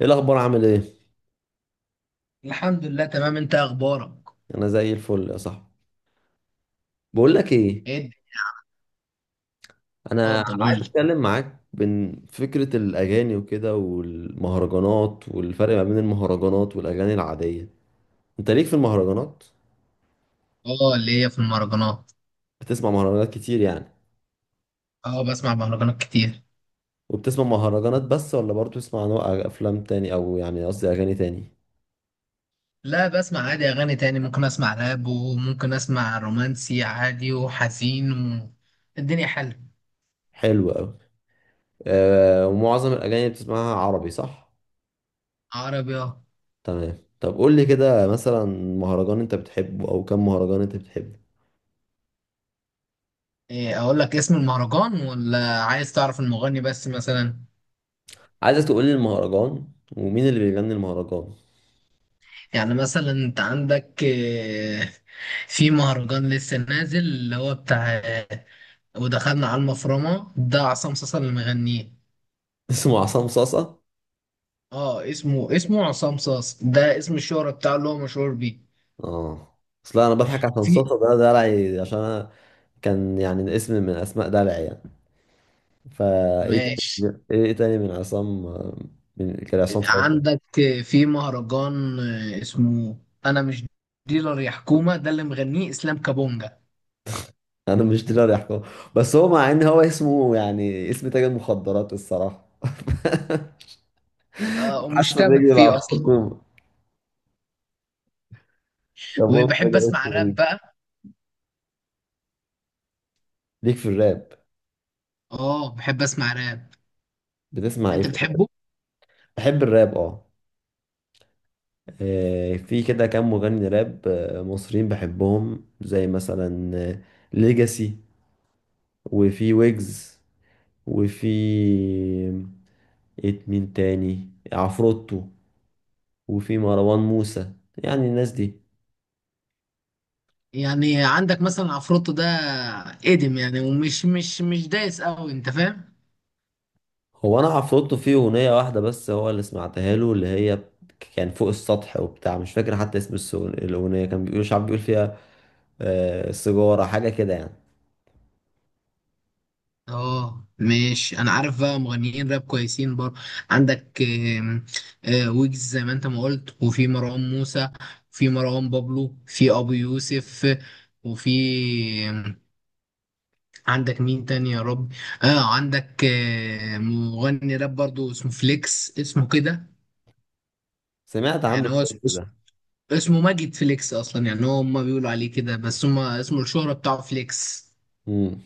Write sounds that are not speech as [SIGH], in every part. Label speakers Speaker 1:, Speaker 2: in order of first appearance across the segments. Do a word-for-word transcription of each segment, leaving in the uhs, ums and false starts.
Speaker 1: ايه الاخبار؟ عامل ايه؟
Speaker 2: الحمد لله، تمام. انت إيه اخبارك؟
Speaker 1: انا زي الفل يا صاحبي. بقول لك ايه؟
Speaker 2: ايه الدنيا؟
Speaker 1: انا
Speaker 2: اتفضل، قول
Speaker 1: عايز
Speaker 2: لي.
Speaker 1: اتكلم معاك بين فكره الاغاني وكده، والمهرجانات، والفرق ما بين المهرجانات والاغاني العاديه. انت ليك في المهرجانات؟
Speaker 2: اه، اللي هي في المهرجانات.
Speaker 1: بتسمع مهرجانات كتير يعني؟
Speaker 2: اه، بسمع مهرجانات كتير.
Speaker 1: وبتسمع مهرجانات بس ولا برضه بتسمع نوع أغ- افلام تاني، او يعني قصدي اغاني تاني؟
Speaker 2: لا، بسمع عادي اغاني تاني. ممكن اسمع راب وممكن اسمع رومانسي عادي وحزين و... الدنيا حلوه.
Speaker 1: حلو قوي. آه، ومعظم الاغاني اللي بتسمعها عربي، صح؟
Speaker 2: عربي، اه.
Speaker 1: تمام. طب قول لي كده مثلا، مهرجان انت بتحبه، او كم مهرجان انت بتحبه؟
Speaker 2: ايه، اقول لك اسم المهرجان ولا عايز تعرف المغني بس مثلا؟
Speaker 1: عايزك تقول لي المهرجان، ومين اللي بيغني المهرجان.
Speaker 2: يعني مثلا انت عندك ايه، في مهرجان لسه نازل اللي هو بتاع ايه، ودخلنا على المفرمه، ده عصام صاصا اللي مغنيه.
Speaker 1: [LAUGHS] اسمه عصام صاصة؟
Speaker 2: اه، اسمه اسمه عصام صاص، ده اسم الشهرة بتاعه اللي هو مشهور بيه.
Speaker 1: اه، اصل انا بضحك عشان
Speaker 2: في.
Speaker 1: صاصة ده دلعي، عشان انا كان يعني اسم من اسماء دلعي يعني. فايه
Speaker 2: ماشي.
Speaker 1: تاني، ايه تاني من عصام؟ من كان عصام صاصة.
Speaker 2: عندك. في مهرجان، آه، اسمه انا مش ديلر يا حكومة، ده اللي مغنيه اسلام كابونجا.
Speaker 1: انا مش دلوقتي احكم، بس هو مع ان هو اسمه يعني اسم تاجر مخدرات الصراحة. [LAUGHS]
Speaker 2: آه،
Speaker 1: حاسه
Speaker 2: ومشتبك
Speaker 1: بيكذب على
Speaker 2: فيه اصلا.
Speaker 1: الحكومة. طب هو
Speaker 2: وبحب
Speaker 1: كده
Speaker 2: اسمع
Speaker 1: اسمه
Speaker 2: راب
Speaker 1: غريب.
Speaker 2: بقى.
Speaker 1: ليك في الراب؟
Speaker 2: اه، بحب اسمع راب.
Speaker 1: بتسمع ايه
Speaker 2: انت
Speaker 1: في الراب؟
Speaker 2: بتحبه؟
Speaker 1: بحب الراب، اه. آه، في كده كام مغني راب آه، مصريين بحبهم، زي مثلا ليجاسي، وفي ويجز، وفي إيه مين تاني، عفروتو، وفي مروان موسى. يعني الناس دي.
Speaker 2: يعني عندك مثلا عفروتو ده، قديم يعني، ومش مش مش دايس قوي، انت فاهم.
Speaker 1: هو انا عفروتو فيه اغنية واحدة بس هو اللي سمعتها له، اللي هي كان فوق السطح وبتاع، مش فاكر حتى اسم السغ- الاغنية. كان بيقول شعب، بيقول فيها آه، سيجارة، حاجة كده يعني.
Speaker 2: اه ماشي، انا عارف بقى مغنيين راب كويسين برضه. عندك آم، آه، ويجز زي ما انت ما قلت، وفي مروان موسى، في مروان بابلو، في ابو يوسف، وفي آم، عندك مين تاني يا رب؟ اه، عندك آه، مغني راب برضه اسمه فليكس، اسمه كده.
Speaker 1: سمعت عنه
Speaker 2: يعني هو اسمه
Speaker 1: الكليب
Speaker 2: اسمه
Speaker 1: ده.
Speaker 2: اسمه ماجد فليكس اصلا، يعني هو هما بيقولوا عليه كده، بس هما اسمه الشهرة بتاعه فليكس.
Speaker 1: مم.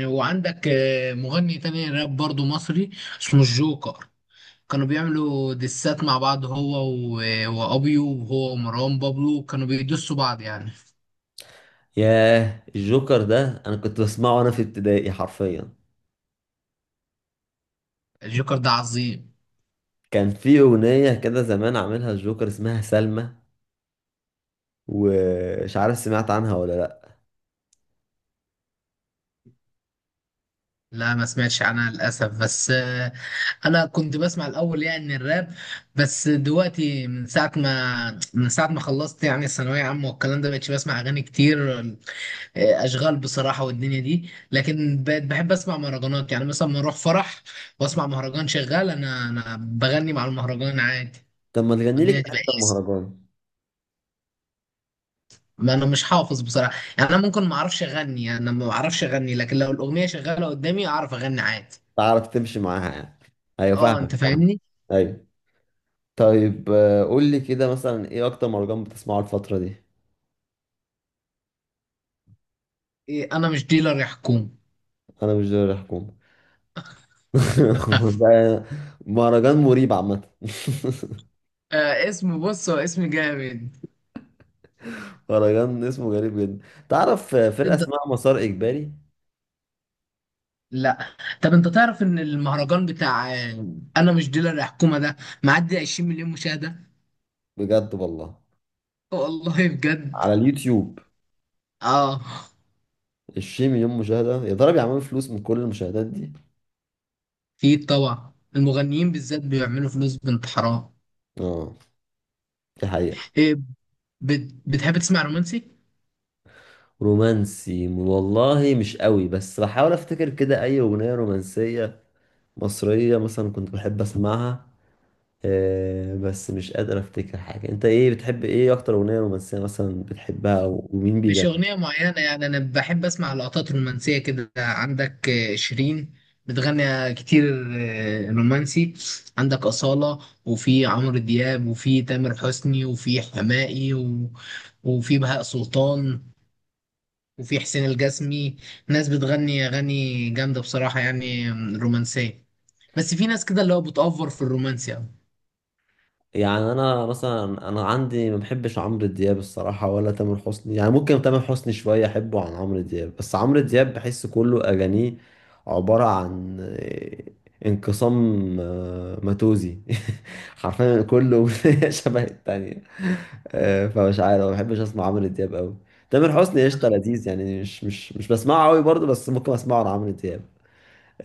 Speaker 2: وعندك آه، مغني تاني راب برضه مصري، اسمه الجوكر. كانوا بيعملوا دسات مع بعض، هو و... وابيو، وهو ومروان بابلو كانوا بيدسوا بعض يعني.
Speaker 1: ياه، الجوكر ده انا كنت بسمعه وانا في ابتدائي حرفيا.
Speaker 2: الجوكر ده عظيم.
Speaker 1: كان في اغنية كده زمان عاملها الجوكر اسمها سلمى، ومش عارف سمعت عنها ولا لا.
Speaker 2: لا، ما سمعتش عنها للاسف، بس آه، انا كنت بسمع الاول يعني الراب. بس دلوقتي من ساعه ما من ساعه ما خلصت يعني الثانويه عامه والكلام ده، بقتش بسمع اغاني كتير. آه، اشغال بصراحه والدنيا دي، لكن بقيت بحب اسمع مهرجانات. يعني مثلا ما اروح فرح واسمع مهرجان شغال، انا انا بغني مع المهرجان عادي.
Speaker 1: طب ما تغني لي
Speaker 2: والدنيا
Speaker 1: كده
Speaker 2: تبقى.
Speaker 1: حتة مهرجان.
Speaker 2: ما انا مش حافظ بصراحه. يعني انا ممكن ما اعرفش اغني. يعني انا ما اعرفش اغني، لكن لو الاغنيه شغاله قدامي اعرف اغني عادي.
Speaker 1: تعرف تمشي معاها يعني. ايوه،
Speaker 2: اه، انت
Speaker 1: فاهمك، فاهم.
Speaker 2: فاهمني.
Speaker 1: ايوه. طيب آه، قول لي كده مثلا، ايه اكتر مهرجان بتسمعه الفترة دي؟
Speaker 2: إيه، انا مش ديلر يا حكومه.
Speaker 1: انا مش دوري الحكومة.
Speaker 2: [LAUGHS]
Speaker 1: [LAUGHS] ده مهرجان مريب عامة.
Speaker 2: آه، اسم بص، هو اسم جامد.
Speaker 1: [LAUGHS] مهرجان اسمه غريب جدا. تعرف فرقة
Speaker 2: انت
Speaker 1: اسمها مسار اجباري؟
Speaker 2: لا. طب انت تعرف ان المهرجان بتاع آه، انا مش ديلر يا حكومه ده، معدي 20 مليون مشاهده.
Speaker 1: بجد والله؟
Speaker 2: والله بجد.
Speaker 1: على اليوتيوب؟
Speaker 2: اه،
Speaker 1: عشرين مليون مشاهدة؟ يا ترى بيعملوا فلوس من كل المشاهدات دي؟
Speaker 2: في طبعا. المغنيين بالذات بيعملوا فلوس بنت حرام.
Speaker 1: اه، دي حقيقة.
Speaker 2: إيه، بت... بتحب تسمع رومانسي؟
Speaker 1: رومانسي والله مش قوي، بس بحاول افتكر كده اي اغنية رومانسية مصرية مثلا كنت بحب اسمعها. آه بس مش قادر افتكر حاجة. انت ايه، بتحب ايه اكتر اغنية رومانسية مثلا بتحبها، ومين؟
Speaker 2: مش أغنية معينة. يعني أنا بحب أسمع لقطات رومانسية كده. عندك آه، شيرين بتغني كتير آه، رومانسي. عندك أصالة، وفي عمرو دياب، وفي تامر حسني، وفي حماقي و... وفي بهاء سلطان، وفي حسين الجسمي. ناس بتغني أغاني جامدة بصراحة يعني، آم، رومانسية. بس في ناس كده اللي هو بتأفور في الرومانسي أوي.
Speaker 1: يعني انا مثلا، انا عندي ما بحبش عمرو دياب الصراحه ولا تامر حسني، يعني ممكن تامر حسني شويه احبه عن عمرو دياب، بس عمرو دياب بحس كله اغانيه عباره عن آه، انقسام آه، ماتوزي. [LAUGHS] حرفيا كله أغنية [LAUGHS] شبه التانية. آه، فمش عارف، ما بحبش اسمع عمرو دياب قوي. تامر حسني قشطه، لذيذ يعني، مش مش مش بسمعه قوي برضه، بس ممكن اسمعه عن عمرو دياب.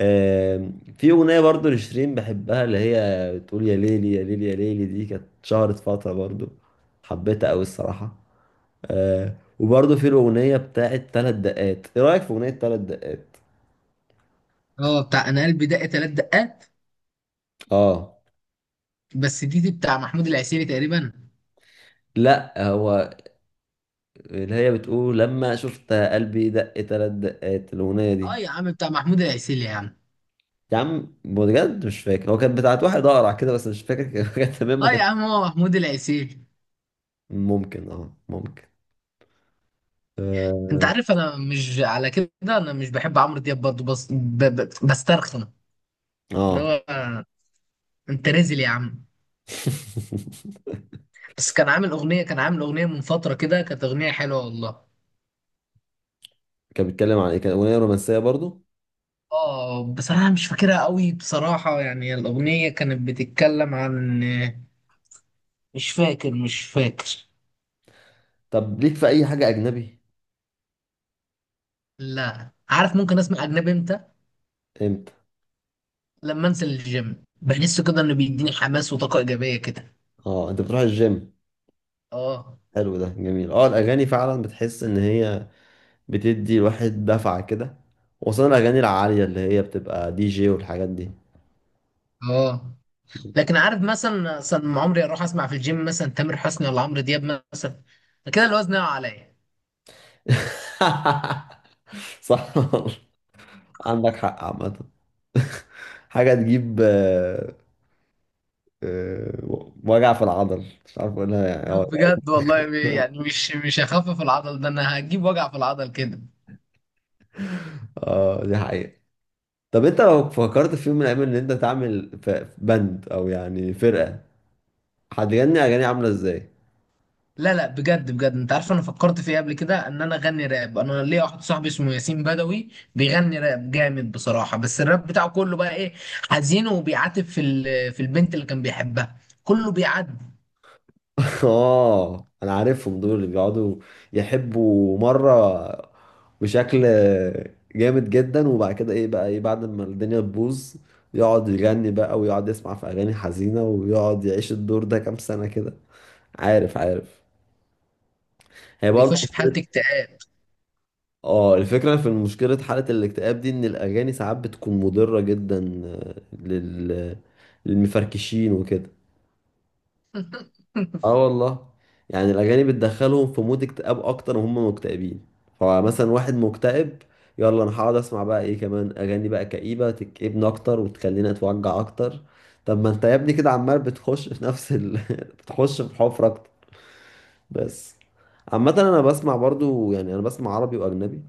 Speaker 1: آم، في أغنية برضو لشيرين بحبها، اللي هي بتقول يا ليلي يا ليلي يا ليلي. دي كانت شهرت فترة برضو، حبيتها أوي الصراحة. آه، وبرضو في الأغنية بتاعت تلات دقات. إيه رأيك في أغنية تلات دقات؟
Speaker 2: اه، بتاع أنا قلبي دق تلات دقات.
Speaker 1: آه.
Speaker 2: بس دي دي بتاع محمود العسيلي تقريبا.
Speaker 1: لأ، هو اللي هي بتقول لما شفت قلبي دق تلات دقات، الأغنية
Speaker 2: اه
Speaker 1: دي.
Speaker 2: يا عم، بتاع محمود العسيلي يا عم.
Speaker 1: يا عم بجد مش فاكر، هو كانت بتاعت واحد أقرع كده بس مش فاكر. كانت [LAUGHS] كانت تمام ما
Speaker 2: اه يا
Speaker 1: كانت.
Speaker 2: عم، هو محمود العسيلي.
Speaker 1: ممكن، اه، ممكن.
Speaker 2: انت عارف انا مش على كده. انا مش بحب عمرو دياب برضه، بس ب... ب... بسترخن.
Speaker 1: اه.
Speaker 2: اللي
Speaker 1: آه.
Speaker 2: هو انت نازل يا عم.
Speaker 1: [LAUGHS]
Speaker 2: بس كان عامل اغنيه كان عامل اغنيه من فتره كده، كانت اغنيه حلوه والله.
Speaker 1: كان بيتكلم عن ايه؟ كان اغنيه رومانسيه برضو؟
Speaker 2: اه، بس انا مش فاكرها قوي بصراحه. يعني الاغنيه كانت بتتكلم عن، مش فاكر، مش فاكر.
Speaker 1: طب ليك في اي حاجه اجنبي؟
Speaker 2: لا، عارف، ممكن اسمع اجنبي امتى؟
Speaker 1: امتى؟
Speaker 2: لما انزل الجيم بحس كده انه بيديني حماس وطاقه ايجابيه كده.
Speaker 1: اه، انت بتروح الجيم.
Speaker 2: اه.
Speaker 1: حلو، ده جميل. اه الاغاني فعلا بتحس ان هي بتدي الواحد دفعه كده، وخصوصا الاغاني العاليه اللي هي بتبقى دي جي والحاجات دي.
Speaker 2: اه. لكن عارف، مثلا مثلا عمري اروح اسمع في الجيم مثلا تامر حسني ولا عمرو دياب مثلا، كده الوزن يقع عليا.
Speaker 1: [LAUGHS] صح. عندك حق عامه. [LAUGHS] حاجه تجيب آه، آه، وجع في العضل، مش عارف اقولها
Speaker 2: [LAUGHS]
Speaker 1: يعني،
Speaker 2: بجد والله، ب-
Speaker 1: اه.
Speaker 2: يعني
Speaker 1: [LAUGHS]
Speaker 2: مش مش هخفف العضل ده، انا هجيب وجع في العضل كده.
Speaker 1: آه، دي حقيقه. طب انت لو فكرت في يوم من الايام ان انت تعمل ف- باند، او يعني فرقه، هتغني اغاني عامله ازاي؟
Speaker 2: لا لا، بجد بجد، انت عارف انا فكرت في ايه قبل كده؟ ان انا اغني راب. انا ليا واحد صاحبي اسمه ياسين بدوي، بيغني راب جامد بصراحه، بس الراب بتاعه كله بقى ايه، حزين، وبيعاتب في ال- في البنت اللي كان بيحبها، كله بيعاتب.
Speaker 1: [LAUGHS] اه انا عارفهم دول، اللي بيقعدوا يحبوا مره بشكل جامد جدا، وبعد كده ايه بقى، ايه بعد ما الدنيا تبوظ؟ يقعد يغني بقى، ويقعد يسمع في اغاني حزينه، ويقعد يعيش الدور ده كام سنه كده. عارف، عارف. هي برضه،
Speaker 2: بيخش في حاله اكتئاب.
Speaker 1: اه، الفكرة في مشكلة حالة الاكتئاب دي ان الاغاني ساعات بتكون مضرة جدا آه، لل... للمفركشين وكده.
Speaker 2: [LAUGHS]
Speaker 1: اه والله. يعني الاغاني بتدخلهم في مود اكتئاب اكتر وهم مكتئبين. فمثلا واحد مكتئب، يلا انا هقعد اسمع بقى ايه كمان، اغاني بقى كئيبة تكئبني اكتر وتخليني اتوجع اكتر. طب ما انت يا ابني كده عمال بتخش في نفس ال... [LAUGHS] بتخش في حفرة اكتر. بس، عامة انا بسمع برضو، يعني انا بسمع عربي واجنبي.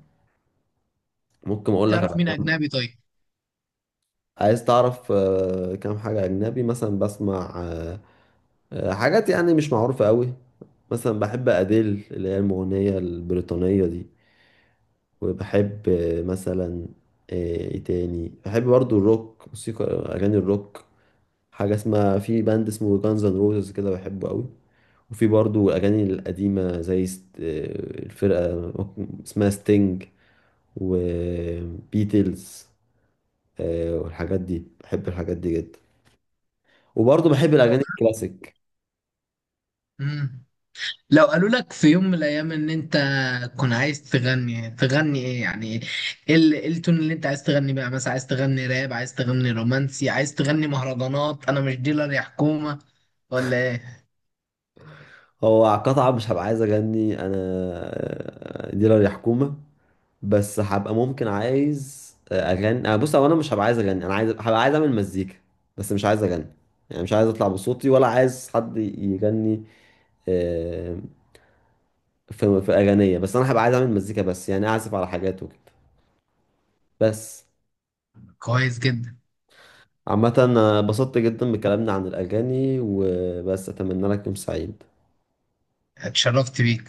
Speaker 1: ممكن اقول لك على،
Speaker 2: تعرف مين اجنبي طيب؟
Speaker 1: عايز تعرف آه، كام حاجة أجنبي مثلا بسمع؟ آه، آه، حاجات يعني مش معروفة قوي. مثلا بحب أديل، اللي هي المغنية البريطانية دي. وبحب آه، مثلا آه، إيه تاني، بحب برضو الروك، موسيقى أغاني الروك. حاجة اسمها، في باند اسمه جانز اند روزز كده، بحبه قوي. وفي برضو الأغاني القديمة زي ست- آه، الفرقة اسمها ستينج، وبيتلز، والحاجات دي. بحب الحاجات دي جدا. وبرضه بحب
Speaker 2: لو
Speaker 1: الاغاني الكلاسيك.
Speaker 2: مم. لو قالوا لك في يوم من الايام ان انت كنت عايز تغني، تغني ايه يعني؟ ايه ال- إيه التون اللي انت عايز تغني بقى؟ مثلا عايز تغني راب، عايز تغني رومانسي، عايز تغني مهرجانات انا مش ديلر يا حكومة، ولا ايه؟
Speaker 1: هو قطعة، مش هبقى عايز اغني انا آه، ديلر يا حكومة، بس هبقى ممكن عايز اغني. أنا، بص، هو انا مش هبقى عايز اغني، انا عايز، هبقى عايز اعمل مزيكا بس، مش عايز اغني، يعني مش عايز اطلع بصوتي، ولا عايز حد يغني آه، في في اغانية، بس انا هبقى عايز اعمل مزيكا بس، يعني اعزف على حاجات وكده. بس.
Speaker 2: كويس جدا.
Speaker 1: عامة أنا اتبسطت جدا بكلامنا عن الأغاني، وبس، أتمنى لك يوم سعيد.
Speaker 2: اتشرفت بيك.